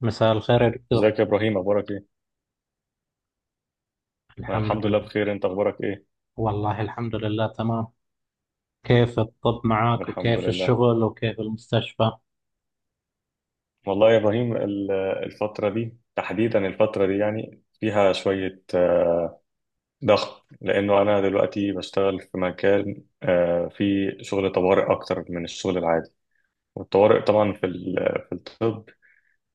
مساء الخير يا دكتور. ازيك يا ابراهيم؟ اخبارك ايه؟ انا الحمد الحمد لله لله. بخير، انت اخبارك ايه؟ والله الحمد لله تمام. كيف الطب طب معك الحمد وكيف لله. الشغل وكيف المستشفى؟ والله يا ابراهيم الفتره دي، تحديدا الفتره دي، فيها شويه ضغط، لانه انا دلوقتي بشتغل في مكان فيه شغل طوارئ اكتر من الشغل العادي. والطوارئ طبعا في في الطب،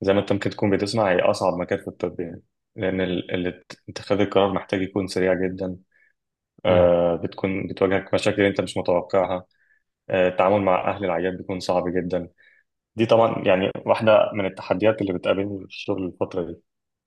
زي ما انت ممكن تكون بتسمع، هي اصعب مكان في الطب يعني، لان اتخاذ القرار محتاج يكون سريع جدا. نعم. بتكون بتواجهك مشاكل انت مش متوقعها. التعامل مع اهل العيان بيكون صعب جدا. دي طبعا يعني واحدة من التحديات اللي بتقابلني في الشغل الفترة دي.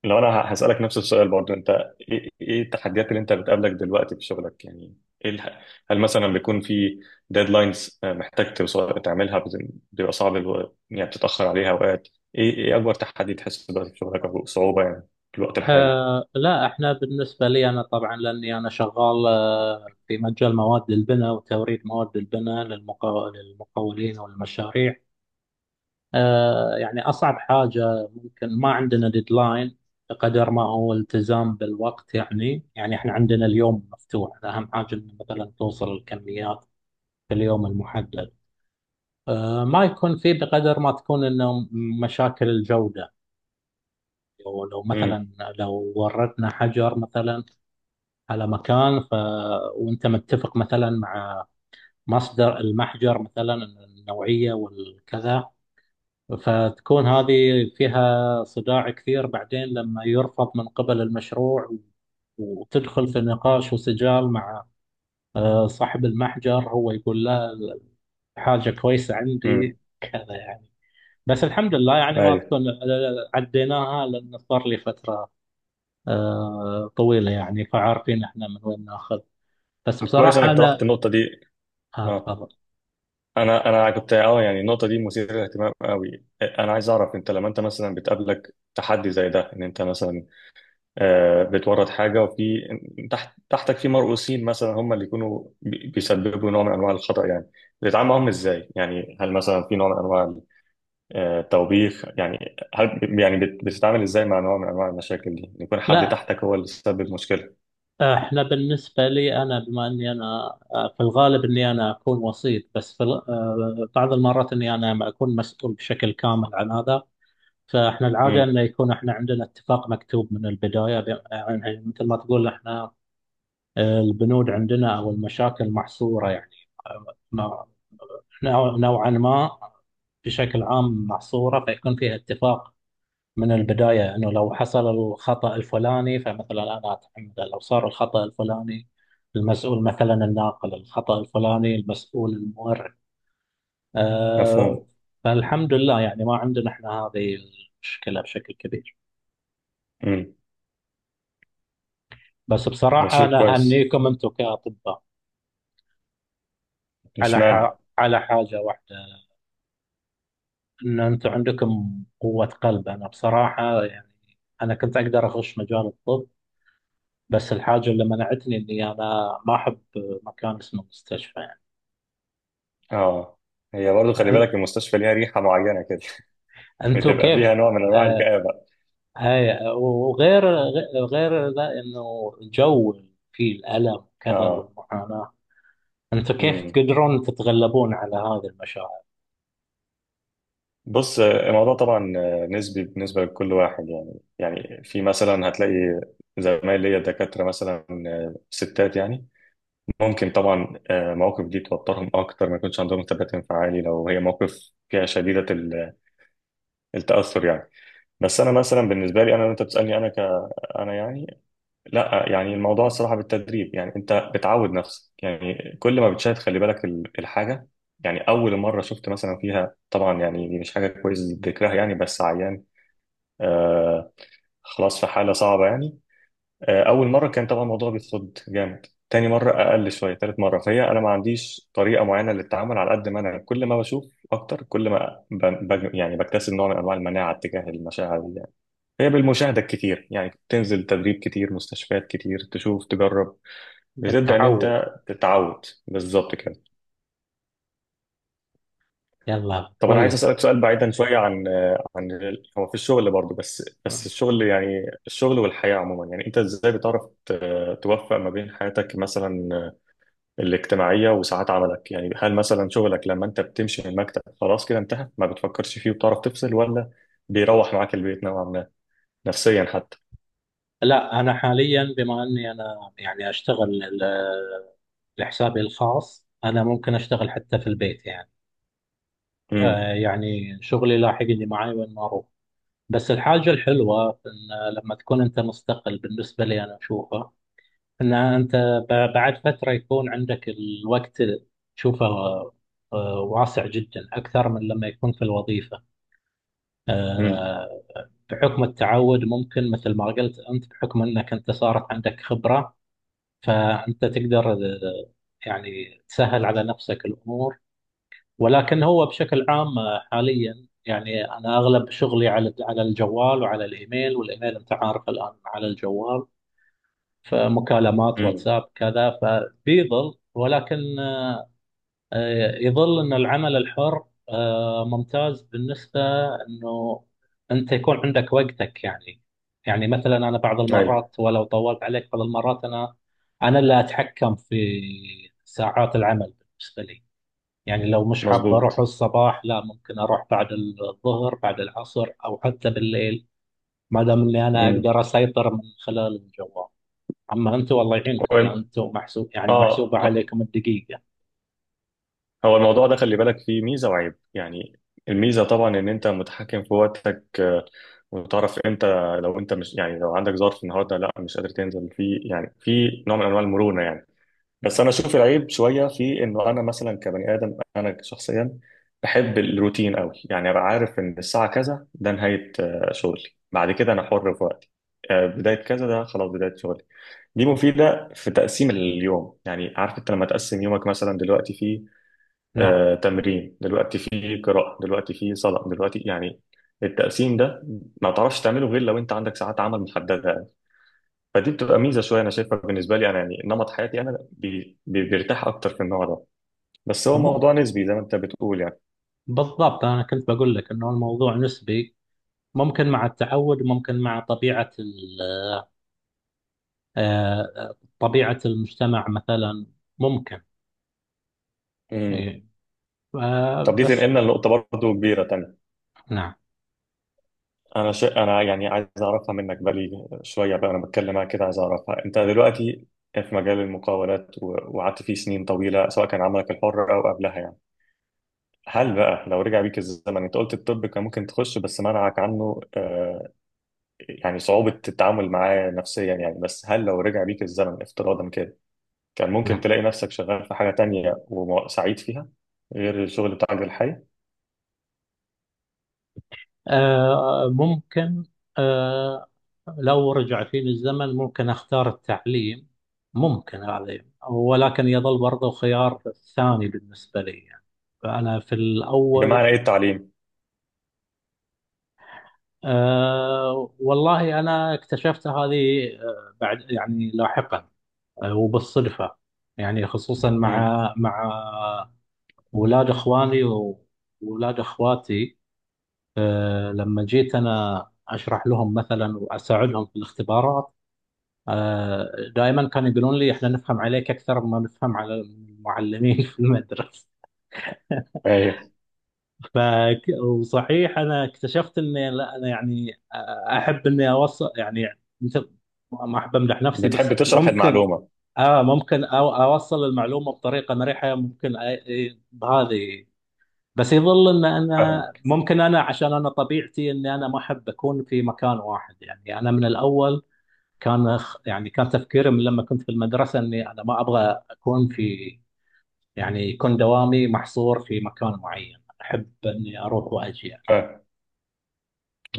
لو أنا هسألك نفس السؤال برضو، أنت إيه التحديات اللي أنت بتقابلك دلوقتي في شغلك يعني؟ إيه هل مثلا بيكون في ديدلاينز محتاج توصل تعملها، بيبقى صعب يعني بتتأخر عليها أوقات؟ إيه أكبر تحدي تحس دلوقتي في شغلك، أو صعوبة يعني في الوقت الحالي؟ لا، احنا بالنسبة لي انا، طبعا لاني انا شغال في مجال مواد البناء وتوريد مواد البناء للمقاولين والمشاريع. يعني اصعب حاجة ممكن ما عندنا ديدلاين، بقدر ما هو التزام بالوقت، يعني احنا عندنا اليوم مفتوح، اهم حاجة إن مثلا توصل الكميات في اليوم المحدد. ما يكون فيه بقدر ما تكون انه مشاكل الجودة. لو امم. مثلا، لو وردنا حجر مثلا على مكان. وانت متفق مثلا مع مصدر المحجر مثلا، النوعية والكذا، فتكون هذه فيها صداع كثير بعدين لما يرفض من قبل المشروع، وتدخل في نقاش وسجال مع صاحب المحجر. هو يقول لا، حاجة كويسة امم. عندي كذا يعني. بس الحمد لله يعني ما أيوه. تكون، عديناها، لأن صار لي فترة طويلة يعني، فعارفين احنا من وين ناخذ. بس طب كويس بصراحة إنك طرحت أنا. النقطة دي. آه آه. تفضل. انا كنت يعني النقطه دي مثيره للاهتمام قوي. انا عايز اعرف انت لما انت مثلا بتقابلك تحدي زي ده، ان انت مثلا بتورط حاجه، وفي تحتك في مرؤوسين مثلا، هم اللي يكونوا بيسببوا نوع من انواع الخطا يعني، بتتعامل معاهم ازاي يعني؟ هل مثلا في نوع من انواع التوبيخ يعني؟ هل يعني بتتعامل ازاي مع نوع من انواع المشاكل دي، إن يكون حد لا، تحتك هو اللي سبب مشكله؟ احنا بالنسبة لي أنا، بما أني أنا في الغالب أني أنا أكون وسيط، بس في ال- آه، بعض المرات أني أنا ما أكون مسؤول بشكل كامل عن هذا. فاحنا العادة امم. أنه يكون احنا عندنا اتفاق مكتوب من البداية، يعني مثل ما تقول احنا، البنود عندنا أو المشاكل محصورة يعني، نوعا ما بشكل عام محصورة، فيكون فيها اتفاق من البداية أنه لو حصل الخطأ الفلاني فمثلا أنا أتحمل، لو صار الخطأ الفلاني المسؤول مثلا الناقل، الخطأ الفلاني المسؤول المورد. أه. مفهوم. فالحمد لله يعني ما عندنا احنا هذه المشكلة بشكل كبير. امم. بس ده بصراحة شيء أنا كويس. أهنيكم أنتم كأطباء مش على معنى. على حاجة واحدة، أن أنتم عندكم قوة قلب. أنا بصراحة يعني أنا كنت أقدر أخش مجال الطب، بس الحاجة اللي منعتني إني أنا ما أحب مكان اسمه مستشفى يعني. اه، هي برضه خلي أن- بالك، المستشفى ليها ريحه معينه كده. أنتوا بتبقى كيف؟ فيها نوع من انواع آه. الكآبه. هاي، وغير غير ذا إنه جو فيه الألم وكذا اه. والمعاناة. أنتوا كيف امم. تقدرون تتغلبون على هذه المشاعر؟ بص، الموضوع طبعا نسبي بالنسبه لكل واحد يعني. يعني في مثلا هتلاقي زمايل ليا دكاتره مثلا ستات يعني، ممكن طبعا مواقف دي توترهم اكتر، ما يكونش عندهم ثبات انفعالي لو هي موقف فيها شديده التاثر يعني. بس انا مثلا بالنسبه لي، انا وانت بتسالني، انا يعني لا، يعني الموضوع الصراحة بالتدريب يعني. انت بتعود نفسك يعني، كل ما بتشاهد خلي بالك الحاجة يعني. اول مرة شفت مثلا فيها، طبعا يعني دي مش حاجة كويس ذكرها يعني، بس عيان آه خلاص في حالة صعبة يعني، آه، اول مرة كان طبعا الموضوع بيتخض جامد، تاني مرة اقل شوية، تالت مرة. فهي انا ما عنديش طريقة معينة للتعامل، على قد ما انا كل ما بشوف اكتر كل ما يعني بكتسب نوع من انواع المناعة تجاه المشاعر دي يعني. هي بالمشاهدة الكتير يعني، تنزل تدريب كتير، مستشفيات كتير، تشوف، تجرب، بتبدأ إن بالتعود. أنت تتعود، بالظبط كده. يلا طب أنا عايز كويس. أسألك سؤال بعيدا شوية عن عن هو في الشغل برضه، بس الشغل، يعني الشغل والحياة عموما يعني. أنت إزاي بتعرف توفق ما بين حياتك مثلا الاجتماعية وساعات عملك يعني؟ هل مثلا شغلك لما أنت بتمشي من المكتب خلاص كده انتهى، ما بتفكرش فيه وبتعرف تفصل، ولا بيروح معاك البيت نوعا ما، نفسيا حتى؟ لا، أنا حاليا بما أني أنا يعني لحسابي الخاص، أنا ممكن أشتغل حتى في البيت يعني. امم. آه يعني شغلي لاحقني معي وين ما أروح. بس الحاجة الحلوة في إن لما تكون أنت مستقل، بالنسبة لي أنا أشوفها إن أنت، بعد فترة يكون عندك الوقت تشوفه واسع جدا أكثر من لما يكون في الوظيفة. امم. آه، بحكم التعود، ممكن مثل ما قلت أنت بحكم أنك أنت صارت عندك خبرة، فأنت تقدر يعني تسهل على نفسك الأمور. ولكن هو بشكل عام حاليا يعني انا اغلب شغلي على الجوال وعلى الايميل، والايميل انت عارف الان على الجوال، فمكالمات امم. واتساب كذا، فبيظل، ولكن يظل ان العمل الحر ممتاز بالنسبه انه انت يكون عندك وقتك يعني. يعني مثلا انا بعض أيوه. المرات، ولو طولت عليك، بعض المرات انا اللي اتحكم في ساعات العمل بالنسبه لي. يعني لو مش حابة أروح مظبوط. الصباح، لا، ممكن أروح بعد الظهر، بعد العصر، أو حتى بالليل، ما دام إني أنا امم. أقدر أسيطر من خلال الجوال. أما أنتم، والله يعينكم، لأن أنتم محسوب يعني محسوبة اه، عليكم الدقيقة. هو الموضوع ده خلي بالك فيه ميزة وعيب يعني. الميزة طبعا ان انت متحكم في وقتك، وتعرف امتى، لو انت مش يعني لو عندك ظرف النهارده، لا مش قادر تنزل، في يعني في نوع من انواع المرونة يعني. بس انا اشوف العيب شوية في انه انا مثلا كبني ادم، انا شخصيا بحب الروتين قوي يعني، ابقى عارف ان الساعة كذا ده نهاية شغلي، بعد كده انا حر في وقتي، بداية كذا ده خلاص بداية شغلي. دي مفيدة في تقسيم اليوم يعني. عارف انت لما تقسم يومك مثلا دلوقتي فيه نعم. تمرين، دلوقتي في قراءة، دلوقتي في صلاة، دلوقتي يعني. التقسيم ده ما تعرفش تعمله غير لو انت عندك ساعات عمل محددة يعني. فدي بتبقى ميزة شوية انا شايفها بالنسبة لي انا يعني. نمط حياتي انا بي بي بيرتاح اكتر في النوع ده. بس هو مو موضوع نسبي زي ما انت بتقول يعني. بالضبط، أنا كنت بقول لك إنه الموضوع نسبي، ممكن مع التعود، ممكن مع طبيعة ال- آه، طبيعة المجتمع مثلا ممكن. امم. إيه. آه، طب دي بس تنقلنا لنقطة برضه كبيرة تانية. نعم. أنا يعني عايز أعرفها منك، بقالي شوية بقى أنا بتكلم معاك كده عايز أعرفها. أنت دلوقتي في مجال المقاولات وقعدت فيه سنين طويلة، سواء كان عملك الحر أو قبلها يعني. هل بقى لو رجع بيك الزمن، انت قلت الطب كان ممكن تخش، بس منعك عنه يعني صعوبة التعامل معاه نفسيا يعني. بس هل لو رجع بيك الزمن افتراضا كده، كان ممكن نعم. تلاقي نفسك شغال في حاجة تانية وسعيد فيها، غير الشغل بتاعك الحالي؟ ممكن. آه، لو رجع فيني الزمن ممكن أختار التعليم. ممكن هذا يعني، ولكن يظل برضه خيار ثاني بالنسبة لي يعني. فأنا في الأول. بمعنى ايه التعليم؟ والله أنا اكتشفت هذه آه بعد يعني لاحقا، وبالصدفة، يعني خصوصا امم. مع ولاد إخواني وولاد إخواتي. لما جيت أنا أشرح لهم مثلا وأساعدهم في الاختبارات، آه، دائما كانوا يقولون لي احنا نفهم عليك اكثر ما نفهم على المعلمين في المدرسه. ايوه. ف وصحيح انا اكتشفت اني، لا انا يعني احب اني اوصل، يعني مثل ما احب امدح نفسي، بس بتحب تشرح ممكن. المعلومة. اه، ممكن أو اوصل المعلومه بطريقه مريحه، ممكن بهذه. بس يظل ان فاهمة. انا ممكن انا، عشان انا طبيعتي اني انا ما احب اكون في مكان واحد يعني. انا من الاول يعني كان تفكيري من لما كنت في المدرسة إني أنا ما أبغى أكون في، يعني يكون دوامي محصور في مكان معين، أحب إني أروح وأجي. فاهم.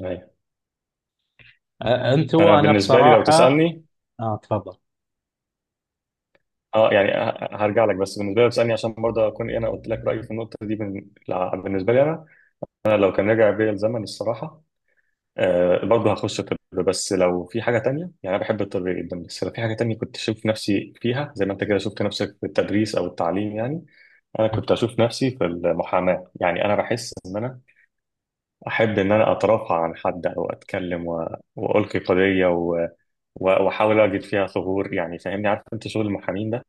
ايوه. أنت انا وأنا بالنسبة لي لو بصراحة. تسألني، آه تفضل. اه يعني هرجع لك، بس بالنسبة لي لو تسألني عشان برضه اكون ايه، انا قلت لك رأيي في النقطة دي. بالنسبة لي انا، لو كان رجع بيا الزمن الصراحة برضه هخش طب، بس لو في حاجة تانية يعني. أنا بحب الطب جدا، بس لو في حاجة تانية كنت أشوف نفسي فيها زي ما أنت كده شفت نفسك في التدريس أو التعليم يعني، أنا كنت أشوف نفسي في المحاماة يعني. أنا بحس إن أنا أحب إن أنا أترافع عن حد، أو أتكلم وألقي قضية وأحاول أجد فيها ثغور يعني. فاهمني، عارف أنت شغل المحامين ده،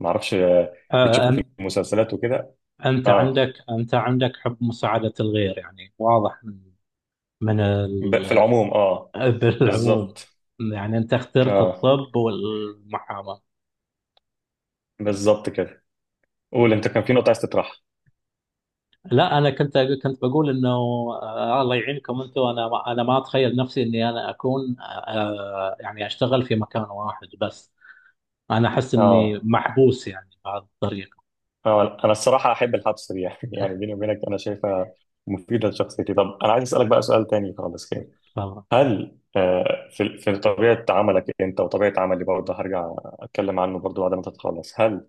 معرفش آه بتشوفه في أن- المسلسلات وكده. أنت أه. عندك حب مساعدة الغير يعني واضح من من في ال... العموم أه. بالعموم. بالظبط. يعني أنت اخترت أه. الطب والمحاماة. بالظبط كده. قول أنت كان في نقطة عايز تطرحها. لا، انا كنت، كنت بقول انه الله يعينكم انتم. انا انا ما اتخيل نفسي اني انا اكون يعني اشتغل في مكان واحد بس. انا احس اني أه. محبوس يعني بهذه الطريقه. انا الصراحه احب الحبس دي يعني، يعني بيني وبينك انا شايفها مفيده لشخصيتي. طب انا عايز اسالك بقى سؤال تاني خالص كده. فاهمة؟ هل في طبيعه عملك انت وطبيعه عملي برضه، هرجع اتكلم عنه برضه بعد ما تتخلص، هل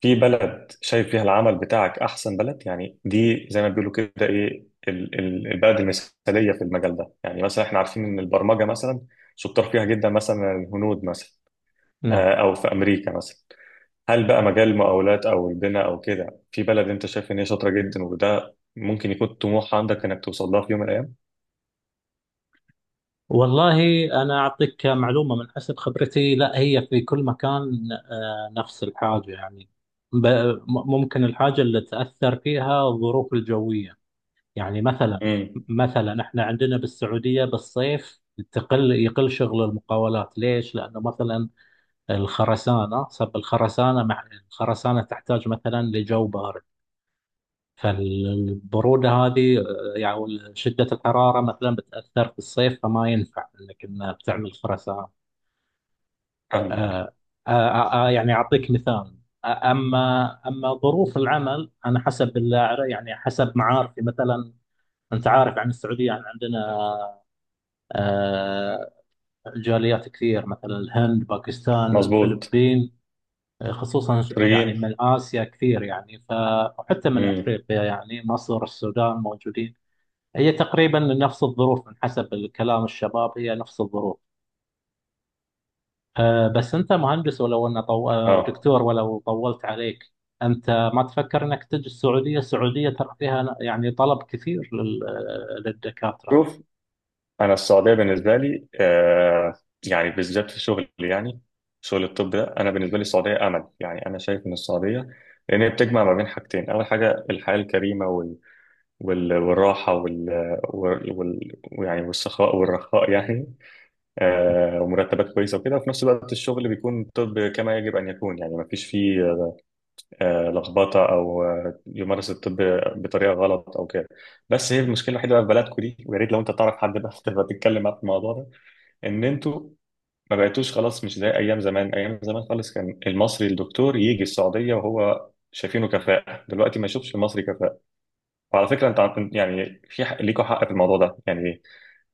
في بلد شايف فيها العمل بتاعك احسن بلد يعني؟ دي زي ما بيقولوا كده، ايه البلد المثاليه في المجال ده يعني؟ مثلا احنا عارفين ان البرمجه مثلا شطار فيها جدا مثلا الهنود مثلا، نعم. او في امريكا مثلا. هل بقى مجال المقاولات او البناء او كده في بلد انت شايف ان هي شاطره جدا، وده ممكن يكون طموح عندك انك توصل لها في يوم من الايام؟ والله انا اعطيك معلومه من حسب خبرتي، لا، هي في كل مكان نفس الحاجه يعني. ب- ممكن الحاجه اللي تاثر فيها الظروف الجويه، يعني مثلا، امم. مثلا احنا عندنا بالسعودية بالصيف يقل شغل المقاولات. ليش؟ لأنه مثلا الخرسانة، سب الخرسانة مع الخرسانة، تحتاج مثلا لجو بارد، فالبرودة هذه، يعني شدة الحرارة مثلا بتأثر في الصيف، فما ينفع انك إن بتعمل خرسانة. فاهمك. آه، يعني أعطيك مثال. أما ظروف العمل، أنا حسب يعني حسب معارفي مثلا، أنت عارف عن السعودية يعني عندنا آه، جاليات كثير، مثلا الهند، باكستان، مظبوط. الفلبين، مصريين. يعني من آسيا كثير يعني. وحتى من امم. أفريقيا يعني، مصر، السودان موجودين. هي تقريبا نفس الظروف، من حسب الكلام الشباب هي نفس الظروف. بس أنت مهندس، ولو أن طو... آه، اه، دكتور، ولو طولت عليك، أنت ما تفكر أنك تجي السعودية؟ السعودية ترى فيها يعني طلب كثير لل... آه، للدكاترة. شوف، انا السعوديه بالنسبه لي، آه، يعني بالذات في شغل يعني شغل الطب ده، انا بالنسبه لي السعوديه امل يعني. انا شايف ان السعوديه، لان هي بتجمع ما بين حاجتين، اول حاجه الحياه الكريمه والراحه وال... وال... يعني والسخاء والرخاء يعني، ومرتبات كويسه وكده، وفي نفس الوقت الشغل بيكون طب كما يجب ان يكون يعني، ما فيش فيه لخبطه، او يمارس الطب بطريقه غلط او كده. بس هي المشكله الوحيده بقى في بلدكم دي، ويا ريت لو انت تعرف حد بقى تبقى تتكلم معاه في الموضوع ده، ان انتوا ما بقيتوش خلاص مش زي ايام زمان، ايام زمان خالص كان المصري الدكتور يجي السعوديه وهو شايفينه كفاءة، دلوقتي ما يشوفش المصري كفاءة. وعلى فكرة انت يعني في حق ليكوا، حق في الموضوع ده يعني.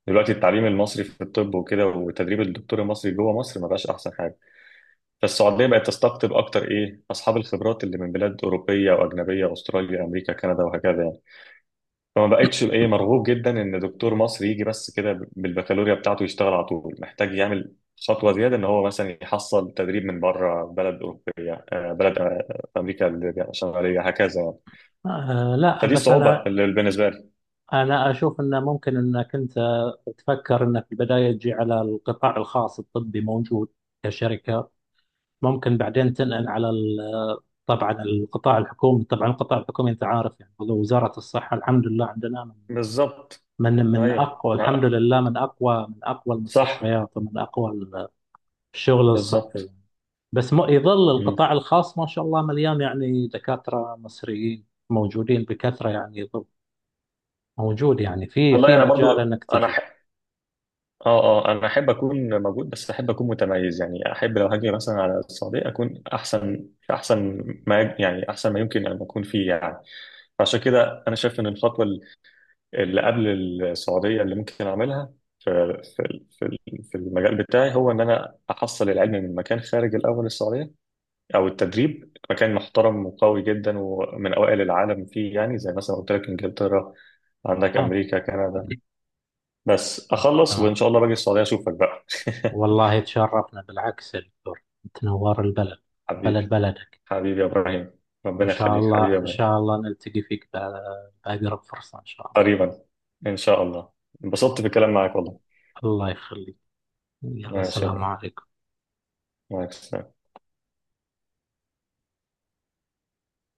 دلوقتي التعليم المصري في الطب وكده، وتدريب الدكتور المصري جوه مصر، ما بقاش احسن حاجه. فالسعوديه بقت تستقطب اكتر ايه اصحاب الخبرات اللي من بلاد اوروبيه واجنبيه، استراليا، امريكا، كندا، وهكذا يعني. فما بقتش ايه مرغوب جدا ان دكتور مصري يجي بس كده بالبكالوريا بتاعته يشتغل على طول، محتاج يعمل خطوه زياده، ان هو مثلا يحصل تدريب من بره، بلد اوروبيه، بلد امريكا الشماليه، هكذا يعني. لا فدي بس الصعوبه أنا، اللي بالنسبه لي. أنا أشوف أنه ممكن أنك أنت تفكر أنك في البداية تجي على القطاع الخاص، الطبي موجود كشركة، ممكن بعدين تنقل على طبعا القطاع الحكومي، طبعا القطاع الحكومي أنت عارف يعني هو وزارة الصحة، الحمد لله عندنا من بالظبط. من من ايوه. أقوى، الحمد لله من أقوى صح. المستشفيات ومن أقوى الشغل الصحي. بالظبط. بس يظل القطاع الخاص ما شاء الله مليان يعني، دكاترة مصريين موجودين بكثرة يعني، يظل موجود يعني، في والله في انا مجال برضو أنك تجي. اه. اه، انا احب اكون موجود، بس احب اكون متميز يعني. احب لو هاجي مثلا على السعوديه اكون احسن، احسن ما يعني احسن ما يمكن ان اكون فيه يعني. فعشان كده انا شايف ان الخطوه اللي قبل السعوديه اللي ممكن اعملها في في المجال بتاعي، هو ان انا احصل العلم من مكان خارج الاول السعوديه، او التدريب مكان محترم وقوي جدا ومن اوائل العالم فيه يعني، زي مثلا قلت لك انجلترا، عندك آه. امريكا، كندا. بس اخلص وان تمام. شاء الله باجي السعوديه اشوفك بقى. والله تشرفنا بالعكس يا دكتور، تنور البلد، بلد حبيبي. بلدك. حبيبي يا ابراهيم. إن ربنا شاء يخليك حبيبي الله، يا إن ابراهيم. شاء الله نلتقي فيك بأقرب فرصة إن شاء الله. قريبا. ان شاء الله. انبسطت بالكلام معاك والله. الله يخليك. يلا، ماشي يا السلام ابراهيم، عليكم. معاك.